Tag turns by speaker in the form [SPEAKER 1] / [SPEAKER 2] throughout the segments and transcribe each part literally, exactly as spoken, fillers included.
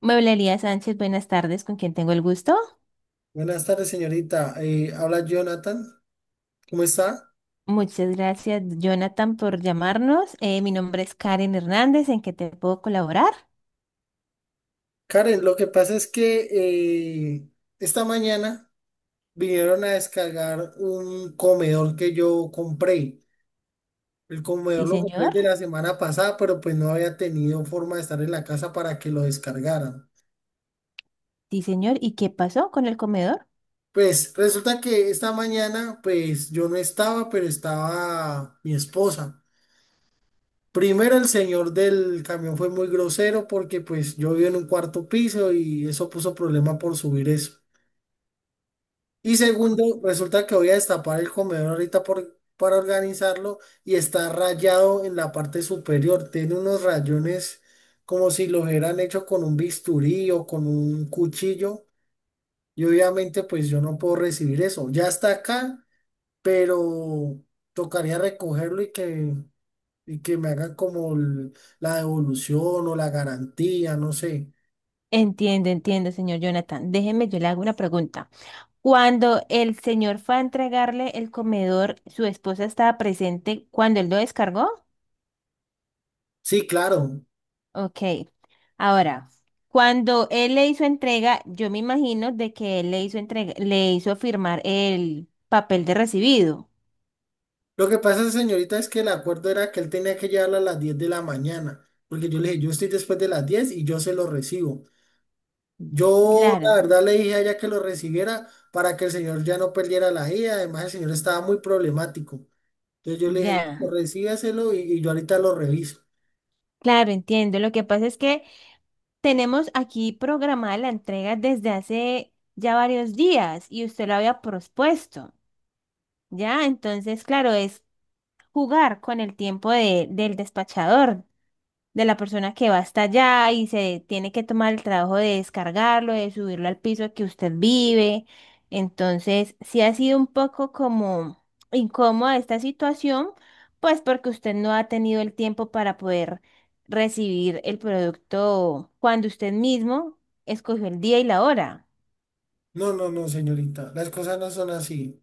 [SPEAKER 1] Mueblería Sánchez, buenas tardes, ¿con quién tengo el gusto?
[SPEAKER 2] Buenas tardes, señorita. Eh, habla Jonathan. ¿Cómo está?
[SPEAKER 1] Muchas gracias, Jonathan, por llamarnos. Eh, mi nombre es Karen Hernández, ¿en qué te puedo colaborar?
[SPEAKER 2] Karen, lo que pasa es que eh, esta mañana vinieron a descargar un comedor que yo compré. El comedor
[SPEAKER 1] Sí,
[SPEAKER 2] lo compré
[SPEAKER 1] señor.
[SPEAKER 2] de la semana pasada, pero pues no había tenido forma de estar en la casa para que lo descargaran.
[SPEAKER 1] Sí, señor. ¿Y qué pasó con el comedor?
[SPEAKER 2] Pues resulta que esta mañana, pues yo no estaba, pero estaba mi esposa. Primero, el señor del camión fue muy grosero porque pues yo vivo en un cuarto piso y eso puso problema por subir eso. Y segundo, resulta que voy a destapar el comedor ahorita por, para organizarlo y está rayado en la parte superior. Tiene unos rayones como si lo hubieran hecho con un bisturí o con un cuchillo. Y obviamente pues yo no puedo recibir eso. Ya está acá, pero tocaría recogerlo y que y que me hagan como el- la devolución o la garantía, no sé.
[SPEAKER 1] Entiendo, entiendo, señor Jonathan. Déjeme, yo le hago una pregunta. Cuando el señor fue a entregarle el comedor, ¿su esposa estaba presente cuando él lo descargó?
[SPEAKER 2] Sí, claro.
[SPEAKER 1] Ok, ahora, cuando él le hizo entrega, yo me imagino de que él le hizo entrega, le hizo firmar el papel de recibido.
[SPEAKER 2] Lo que pasa, señorita, es que el acuerdo era que él tenía que llevarla a las diez de la mañana, porque yo le dije, yo estoy después de las diez y yo se lo recibo. Yo, la
[SPEAKER 1] Claro,
[SPEAKER 2] verdad, le dije a ella que lo recibiera para que el señor ya no perdiera la ida. Además, el señor estaba muy problemático. Entonces yo le dije,
[SPEAKER 1] ya.
[SPEAKER 2] recíbaselo y, y yo ahorita lo reviso.
[SPEAKER 1] Claro, entiendo. Lo que pasa es que tenemos aquí programada la entrega desde hace ya varios días y usted lo había propuesto, ¿ya? Entonces, claro, es jugar con el tiempo de- del despachador, de la persona que va hasta allá y se tiene que tomar el trabajo de descargarlo, de subirlo al piso que usted vive. Entonces, sí ha sido un poco como incómoda esta situación, pues porque usted no ha tenido el tiempo para poder recibir el producto cuando usted mismo escogió el día y la hora.
[SPEAKER 2] No, no, no, señorita, las cosas no son así.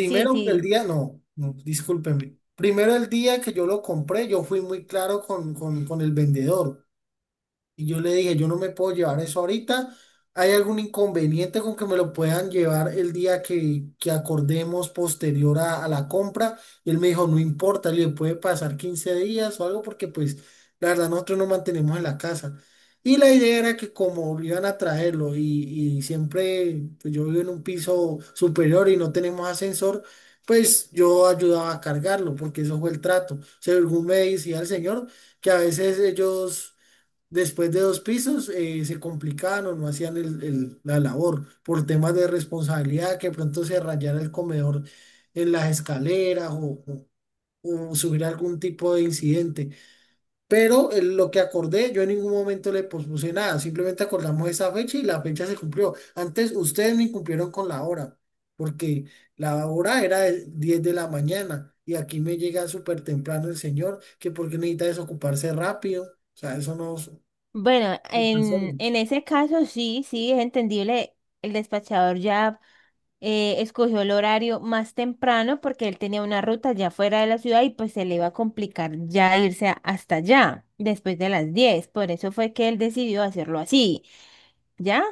[SPEAKER 1] Sí,
[SPEAKER 2] que el
[SPEAKER 1] sí.
[SPEAKER 2] día, no, no, discúlpeme. Primero el día que yo lo compré, yo fui muy claro con, con, con el vendedor y yo le dije, yo no me puedo llevar eso ahorita. ¿Hay algún inconveniente con que me lo puedan llevar el día que, que acordemos posterior a, a la compra? Y él me dijo, no importa, le puede pasar quince días o algo porque pues la verdad nosotros nos mantenemos en la casa. Y la idea era que como iban a traerlo y, y siempre pues, yo vivo en un piso superior y no tenemos ascensor, pues yo ayudaba a cargarlo porque eso fue el trato. Según me decía el señor, que a veces ellos después de dos pisos eh, se complicaban o no hacían el- el- la labor por temas de responsabilidad, que pronto se rayara el comedor en las escaleras o, o- o subir algún tipo de incidente. Pero eh, lo que acordé, yo en ningún momento le pospuse nada, simplemente acordamos esa fecha y la fecha se cumplió. Antes ustedes me incumplieron con la hora, porque la hora era de diez de la mañana y aquí me llega súper temprano el señor, que porque necesita desocuparse rápido. O sea, eso no
[SPEAKER 1] Bueno,
[SPEAKER 2] me
[SPEAKER 1] en,
[SPEAKER 2] cansaron.
[SPEAKER 1] en ese caso sí, sí, es entendible. El despachador ya eh, escogió el horario más temprano porque él tenía una ruta ya fuera de la ciudad y pues se le iba a complicar ya irse a- hasta allá después de las diez. Por eso fue que él decidió hacerlo así, ¿ya?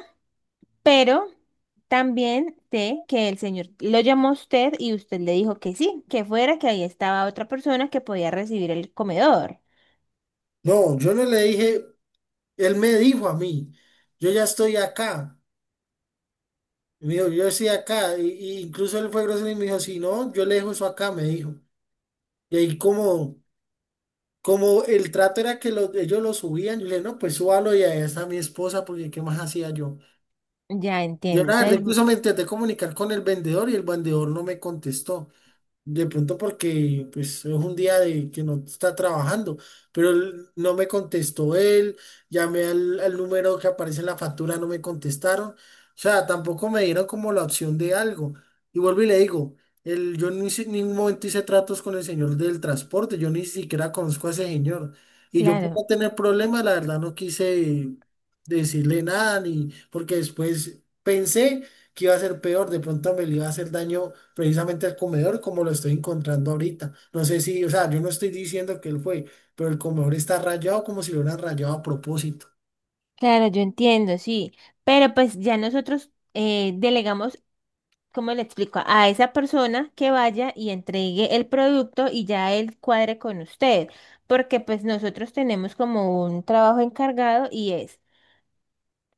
[SPEAKER 1] Pero también sé que el señor lo llamó a usted y usted le dijo que sí, que fuera, que ahí estaba otra persona que podía recibir el comedor.
[SPEAKER 2] No, yo no le dije, él me dijo a mí, yo ya estoy acá. Y Me dijo, yo estoy acá. Y, y incluso él fue grosero y me dijo, si no, yo le dejo eso acá, me dijo. Y ahí como, como el trato era que lo- ellos lo subían, yo le dije, no, pues súbalo y ahí está mi esposa, porque ¿qué más hacía yo?
[SPEAKER 1] Ya
[SPEAKER 2] Yo
[SPEAKER 1] entiendo.
[SPEAKER 2] la verdad,
[SPEAKER 1] Entonces,
[SPEAKER 2] incluso
[SPEAKER 1] bu-
[SPEAKER 2] me intenté comunicar con el vendedor y el vendedor no me contestó. De pronto porque pues es un día de que no está trabajando, pero él no me contestó él, llamé al, al número que aparece en la factura, no me contestaron, o sea, tampoco me dieron como la opción de algo. Y vuelvo y le digo, el, yo ni si- en ningún momento hice tratos con el señor del transporte, yo ni siquiera conozco a ese señor. Y yo por no
[SPEAKER 1] claro,
[SPEAKER 2] tener problemas, la verdad no quise decirle nada, ni porque después pensé que iba a ser peor, de pronto me le iba a hacer daño precisamente al comedor como lo estoy encontrando ahorita. No sé si, o sea, yo no estoy diciendo que él fue, pero el comedor está rayado como si lo hubieran rayado a propósito.
[SPEAKER 1] claro, yo entiendo, sí. Pero pues ya nosotros eh, delegamos. ¿Cómo le explico? A esa persona que vaya y entregue el producto y ya él cuadre con usted, porque pues nosotros tenemos como un trabajo encargado y es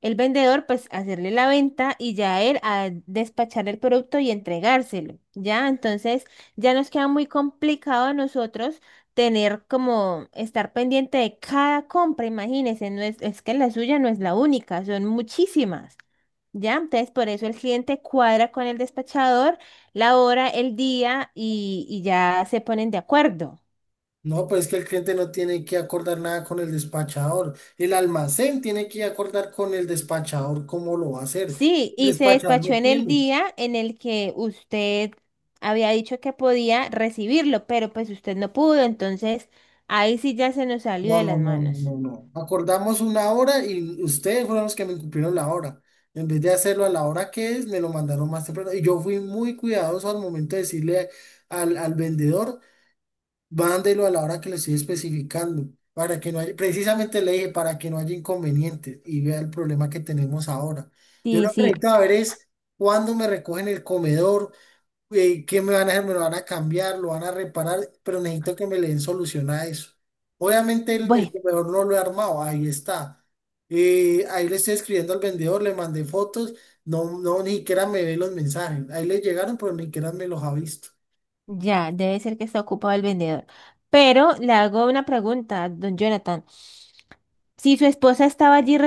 [SPEAKER 1] el vendedor pues hacerle la venta y ya él a despachar el producto y entregárselo, ¿ya? Entonces ya nos queda muy complicado a nosotros tener como estar pendiente de cada compra, imagínense, no es, es que la suya no es la única, son muchísimas. Ya, entonces por eso el cliente cuadra con el despachador la hora, el día y, y ya se ponen de acuerdo.
[SPEAKER 2] No, pues es que el cliente no tiene que acordar nada con el despachador. El almacén tiene que acordar con el despachador cómo lo va a hacer.
[SPEAKER 1] Sí,
[SPEAKER 2] El
[SPEAKER 1] y se
[SPEAKER 2] despachador
[SPEAKER 1] despachó
[SPEAKER 2] no
[SPEAKER 1] en el
[SPEAKER 2] tiene.
[SPEAKER 1] día en el que usted había dicho que podía recibirlo, pero pues usted no pudo, entonces ahí sí ya se nos salió
[SPEAKER 2] No,
[SPEAKER 1] de
[SPEAKER 2] no,
[SPEAKER 1] las
[SPEAKER 2] no, no,
[SPEAKER 1] manos.
[SPEAKER 2] no, no. Acordamos una hora y ustedes fueron los que me incumplieron la hora. En vez de hacerlo a la hora que es, me lo mandaron más temprano. Y yo fui muy cuidadoso al momento de decirle al, al vendedor, mándelo a la hora que le estoy especificando, para que no haya, precisamente le dije, para que no haya inconvenientes y vea el problema que tenemos ahora. Yo
[SPEAKER 1] Sí,
[SPEAKER 2] lo que
[SPEAKER 1] sí,
[SPEAKER 2] necesito saber es cuándo me recogen el comedor, eh, ¿qué me van a hacer? Me lo van a cambiar, lo van a reparar, pero necesito que me le den solución a eso. Obviamente el, el
[SPEAKER 1] bueno,
[SPEAKER 2] comedor no lo he armado, ahí está. Eh, ahí le estoy escribiendo al vendedor, le mandé fotos, no, no, ni siquiera me ve los mensajes. Ahí le llegaron, pero ni siquiera me los ha visto.
[SPEAKER 1] ya, debe ser que está ocupado el vendedor. Pero le hago una pregunta, don Jonathan. Si su esposa estaba allí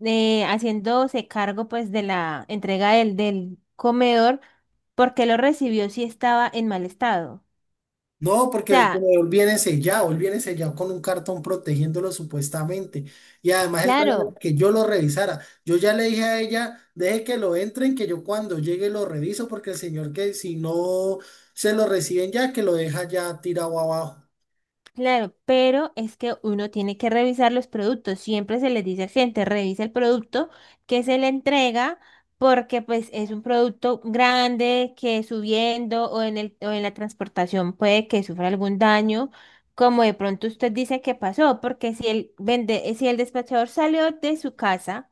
[SPEAKER 1] eh, haciéndose cargo pues de la entrega del, del comedor porque lo recibió si estaba en mal estado. O
[SPEAKER 2] No, porque el
[SPEAKER 1] sea,
[SPEAKER 2] comedor viene sellado, él viene sellado con un cartón protegiéndolo supuestamente. Y además él trata de
[SPEAKER 1] claro,
[SPEAKER 2] que yo lo revisara. Yo ya le dije a ella, deje que lo entren, que yo cuando llegue lo reviso, porque el señor que si no se lo reciben ya, que lo deja ya tirado abajo.
[SPEAKER 1] claro, pero es que uno tiene que revisar los productos. Siempre se les dice a la gente, revisa el producto que se le entrega porque pues es un producto grande que subiendo o en el, o en la transportación puede que sufra algún daño. Como de pronto usted dice que pasó, porque si el vende, si el despachador salió de su casa.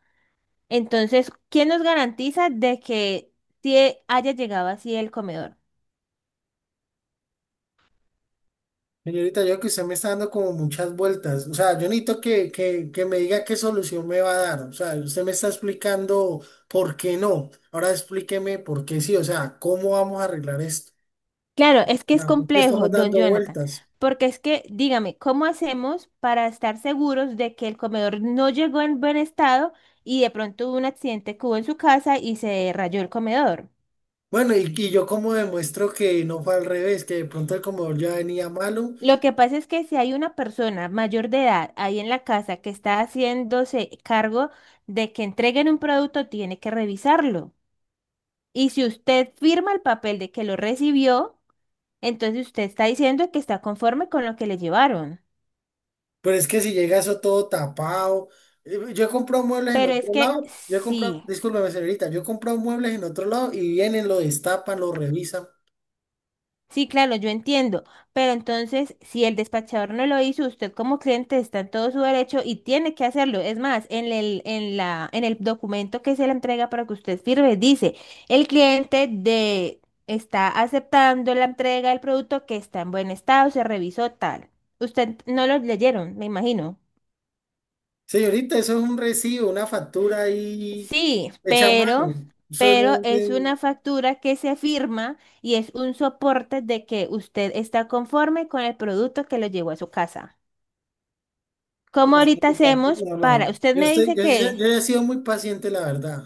[SPEAKER 1] Entonces, ¿quién nos garantiza de que sí haya llegado así el comedor?
[SPEAKER 2] Señorita, yo creo que usted me está dando como muchas vueltas. O sea, yo necesito que, que, que me diga qué solución me va a dar. O sea, usted me está explicando por qué no. Ahora explíqueme por qué sí. O sea, ¿cómo vamos a arreglar esto?
[SPEAKER 1] Claro, es que es
[SPEAKER 2] Ah, ¿por qué
[SPEAKER 1] complejo,
[SPEAKER 2] estamos
[SPEAKER 1] don
[SPEAKER 2] dando
[SPEAKER 1] Jonathan,
[SPEAKER 2] vueltas?
[SPEAKER 1] porque es que, dígame, ¿cómo hacemos para estar seguros de que el comedor no llegó en buen estado y de pronto hubo un accidente que hubo en su casa y se rayó el comedor?
[SPEAKER 2] Bueno, y, y yo como demuestro que no fue al revés, que de pronto el comedor ya venía malo,
[SPEAKER 1] Lo que pasa es que si hay una persona mayor de edad ahí en la casa que está haciéndose cargo de que entreguen un producto, tiene que revisarlo. Y si usted firma el papel de que lo recibió, entonces usted está diciendo que está conforme con lo que le llevaron.
[SPEAKER 2] pero es que si llega eso todo tapado. eh, Yo he comprado muebles en
[SPEAKER 1] Pero es
[SPEAKER 2] otro
[SPEAKER 1] que
[SPEAKER 2] lado, yo he comprado,
[SPEAKER 1] sí,
[SPEAKER 2] discúlpeme señorita, yo he comprado muebles en otro lado y vienen, lo destapan, lo revisan.
[SPEAKER 1] sí, claro, yo entiendo. Pero entonces, si el despachador no lo hizo, usted como cliente está en todo su derecho y tiene que hacerlo. Es más, en el, en la, en el documento que se le entrega para que usted firme, dice, el cliente de está aceptando la entrega del producto que está en buen estado, se revisó tal. Usted no lo leyeron, me imagino.
[SPEAKER 2] Señorita, eso es un recibo, una factura ahí
[SPEAKER 1] Sí,
[SPEAKER 2] hecha a
[SPEAKER 1] pero,
[SPEAKER 2] mano. Eso
[SPEAKER 1] pero
[SPEAKER 2] no
[SPEAKER 1] es
[SPEAKER 2] tiene.
[SPEAKER 1] una factura que se firma y es un soporte de que usted está conforme con el producto que lo llevó a su casa. ¿Cómo ahorita hacemos
[SPEAKER 2] No,
[SPEAKER 1] para,
[SPEAKER 2] no.
[SPEAKER 1] usted
[SPEAKER 2] Yo
[SPEAKER 1] me
[SPEAKER 2] estoy,
[SPEAKER 1] dice
[SPEAKER 2] yo, yo- Yo
[SPEAKER 1] que,
[SPEAKER 2] he sido muy paciente, la verdad.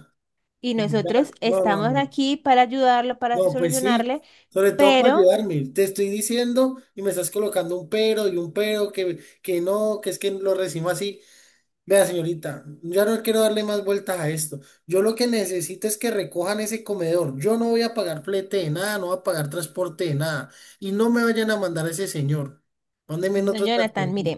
[SPEAKER 1] y
[SPEAKER 2] No,
[SPEAKER 1] nosotros
[SPEAKER 2] no, no,
[SPEAKER 1] estamos
[SPEAKER 2] no.
[SPEAKER 1] aquí para ayudarlo, para
[SPEAKER 2] No, pues sí,
[SPEAKER 1] solucionarle,
[SPEAKER 2] sobre todo para
[SPEAKER 1] pero,
[SPEAKER 2] ayudarme. Te estoy diciendo y me estás colocando un pero y un pero que, que no, que es que lo recibo así. Vea, señorita, ya no quiero darle más vueltas a esto. Yo lo que necesito es que recojan ese comedor. Yo no voy a pagar flete de nada, no voy a pagar transporte de nada. Y no me vayan a mandar a ese señor. Mándenme en
[SPEAKER 1] don
[SPEAKER 2] otro
[SPEAKER 1] Jonathan, mire.
[SPEAKER 2] transporte.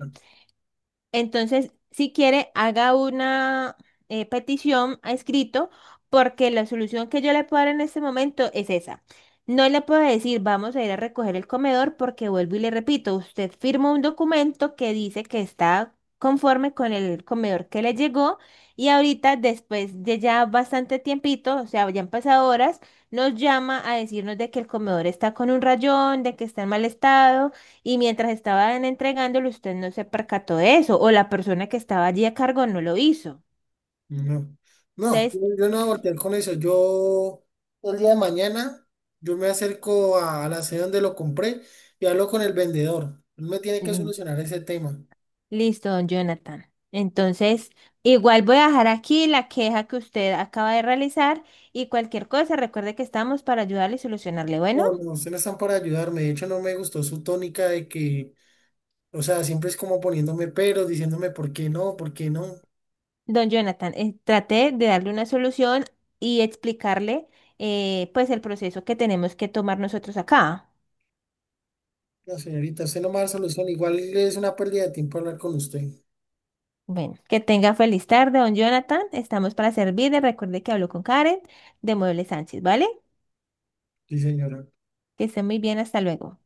[SPEAKER 1] Entonces, si quiere, haga una eh, petición a escrito porque la solución que yo le puedo dar en este momento es esa. No le puedo decir, vamos a ir a recoger el comedor porque vuelvo y le repito, usted firma un documento que dice que está conforme con el comedor que le llegó y ahorita, después de ya bastante tiempito, o sea, ya han pasado horas, nos llama a decirnos de que el comedor está con un rayón, de que está en mal estado. Y mientras estaban entregándolo, usted no se percató de eso, o la persona que estaba allí a cargo no lo hizo.
[SPEAKER 2] No, no,
[SPEAKER 1] Entonces,
[SPEAKER 2] yo no voy a voltear con eso. Yo el día de mañana, yo me acerco a la sede donde lo compré y hablo con el vendedor. Él me tiene que
[SPEAKER 1] mm,
[SPEAKER 2] solucionar ese tema.
[SPEAKER 1] listo, don Jonathan. Entonces, igual voy a dejar aquí la queja que usted acaba de realizar y cualquier cosa, recuerde que estamos para ayudarle y solucionarle. Bueno,
[SPEAKER 2] Bueno, ustedes no están para ayudarme. De hecho, no me gustó su tónica de que, o sea, siempre es como poniéndome peros, diciéndome por qué no, por qué no.
[SPEAKER 1] don Jonathan, eh, traté de darle una solución y explicarle eh, pues el proceso que tenemos que tomar nosotros acá.
[SPEAKER 2] No, señorita, usted no me da solución. Igual es una pérdida de tiempo hablar con usted.
[SPEAKER 1] Bueno, que tenga feliz tarde, don Jonathan. Estamos para servirle. Recuerde que hablo con Karen de Mueble Sánchez, ¿vale?
[SPEAKER 2] Sí, señora.
[SPEAKER 1] Que esté muy bien, hasta luego.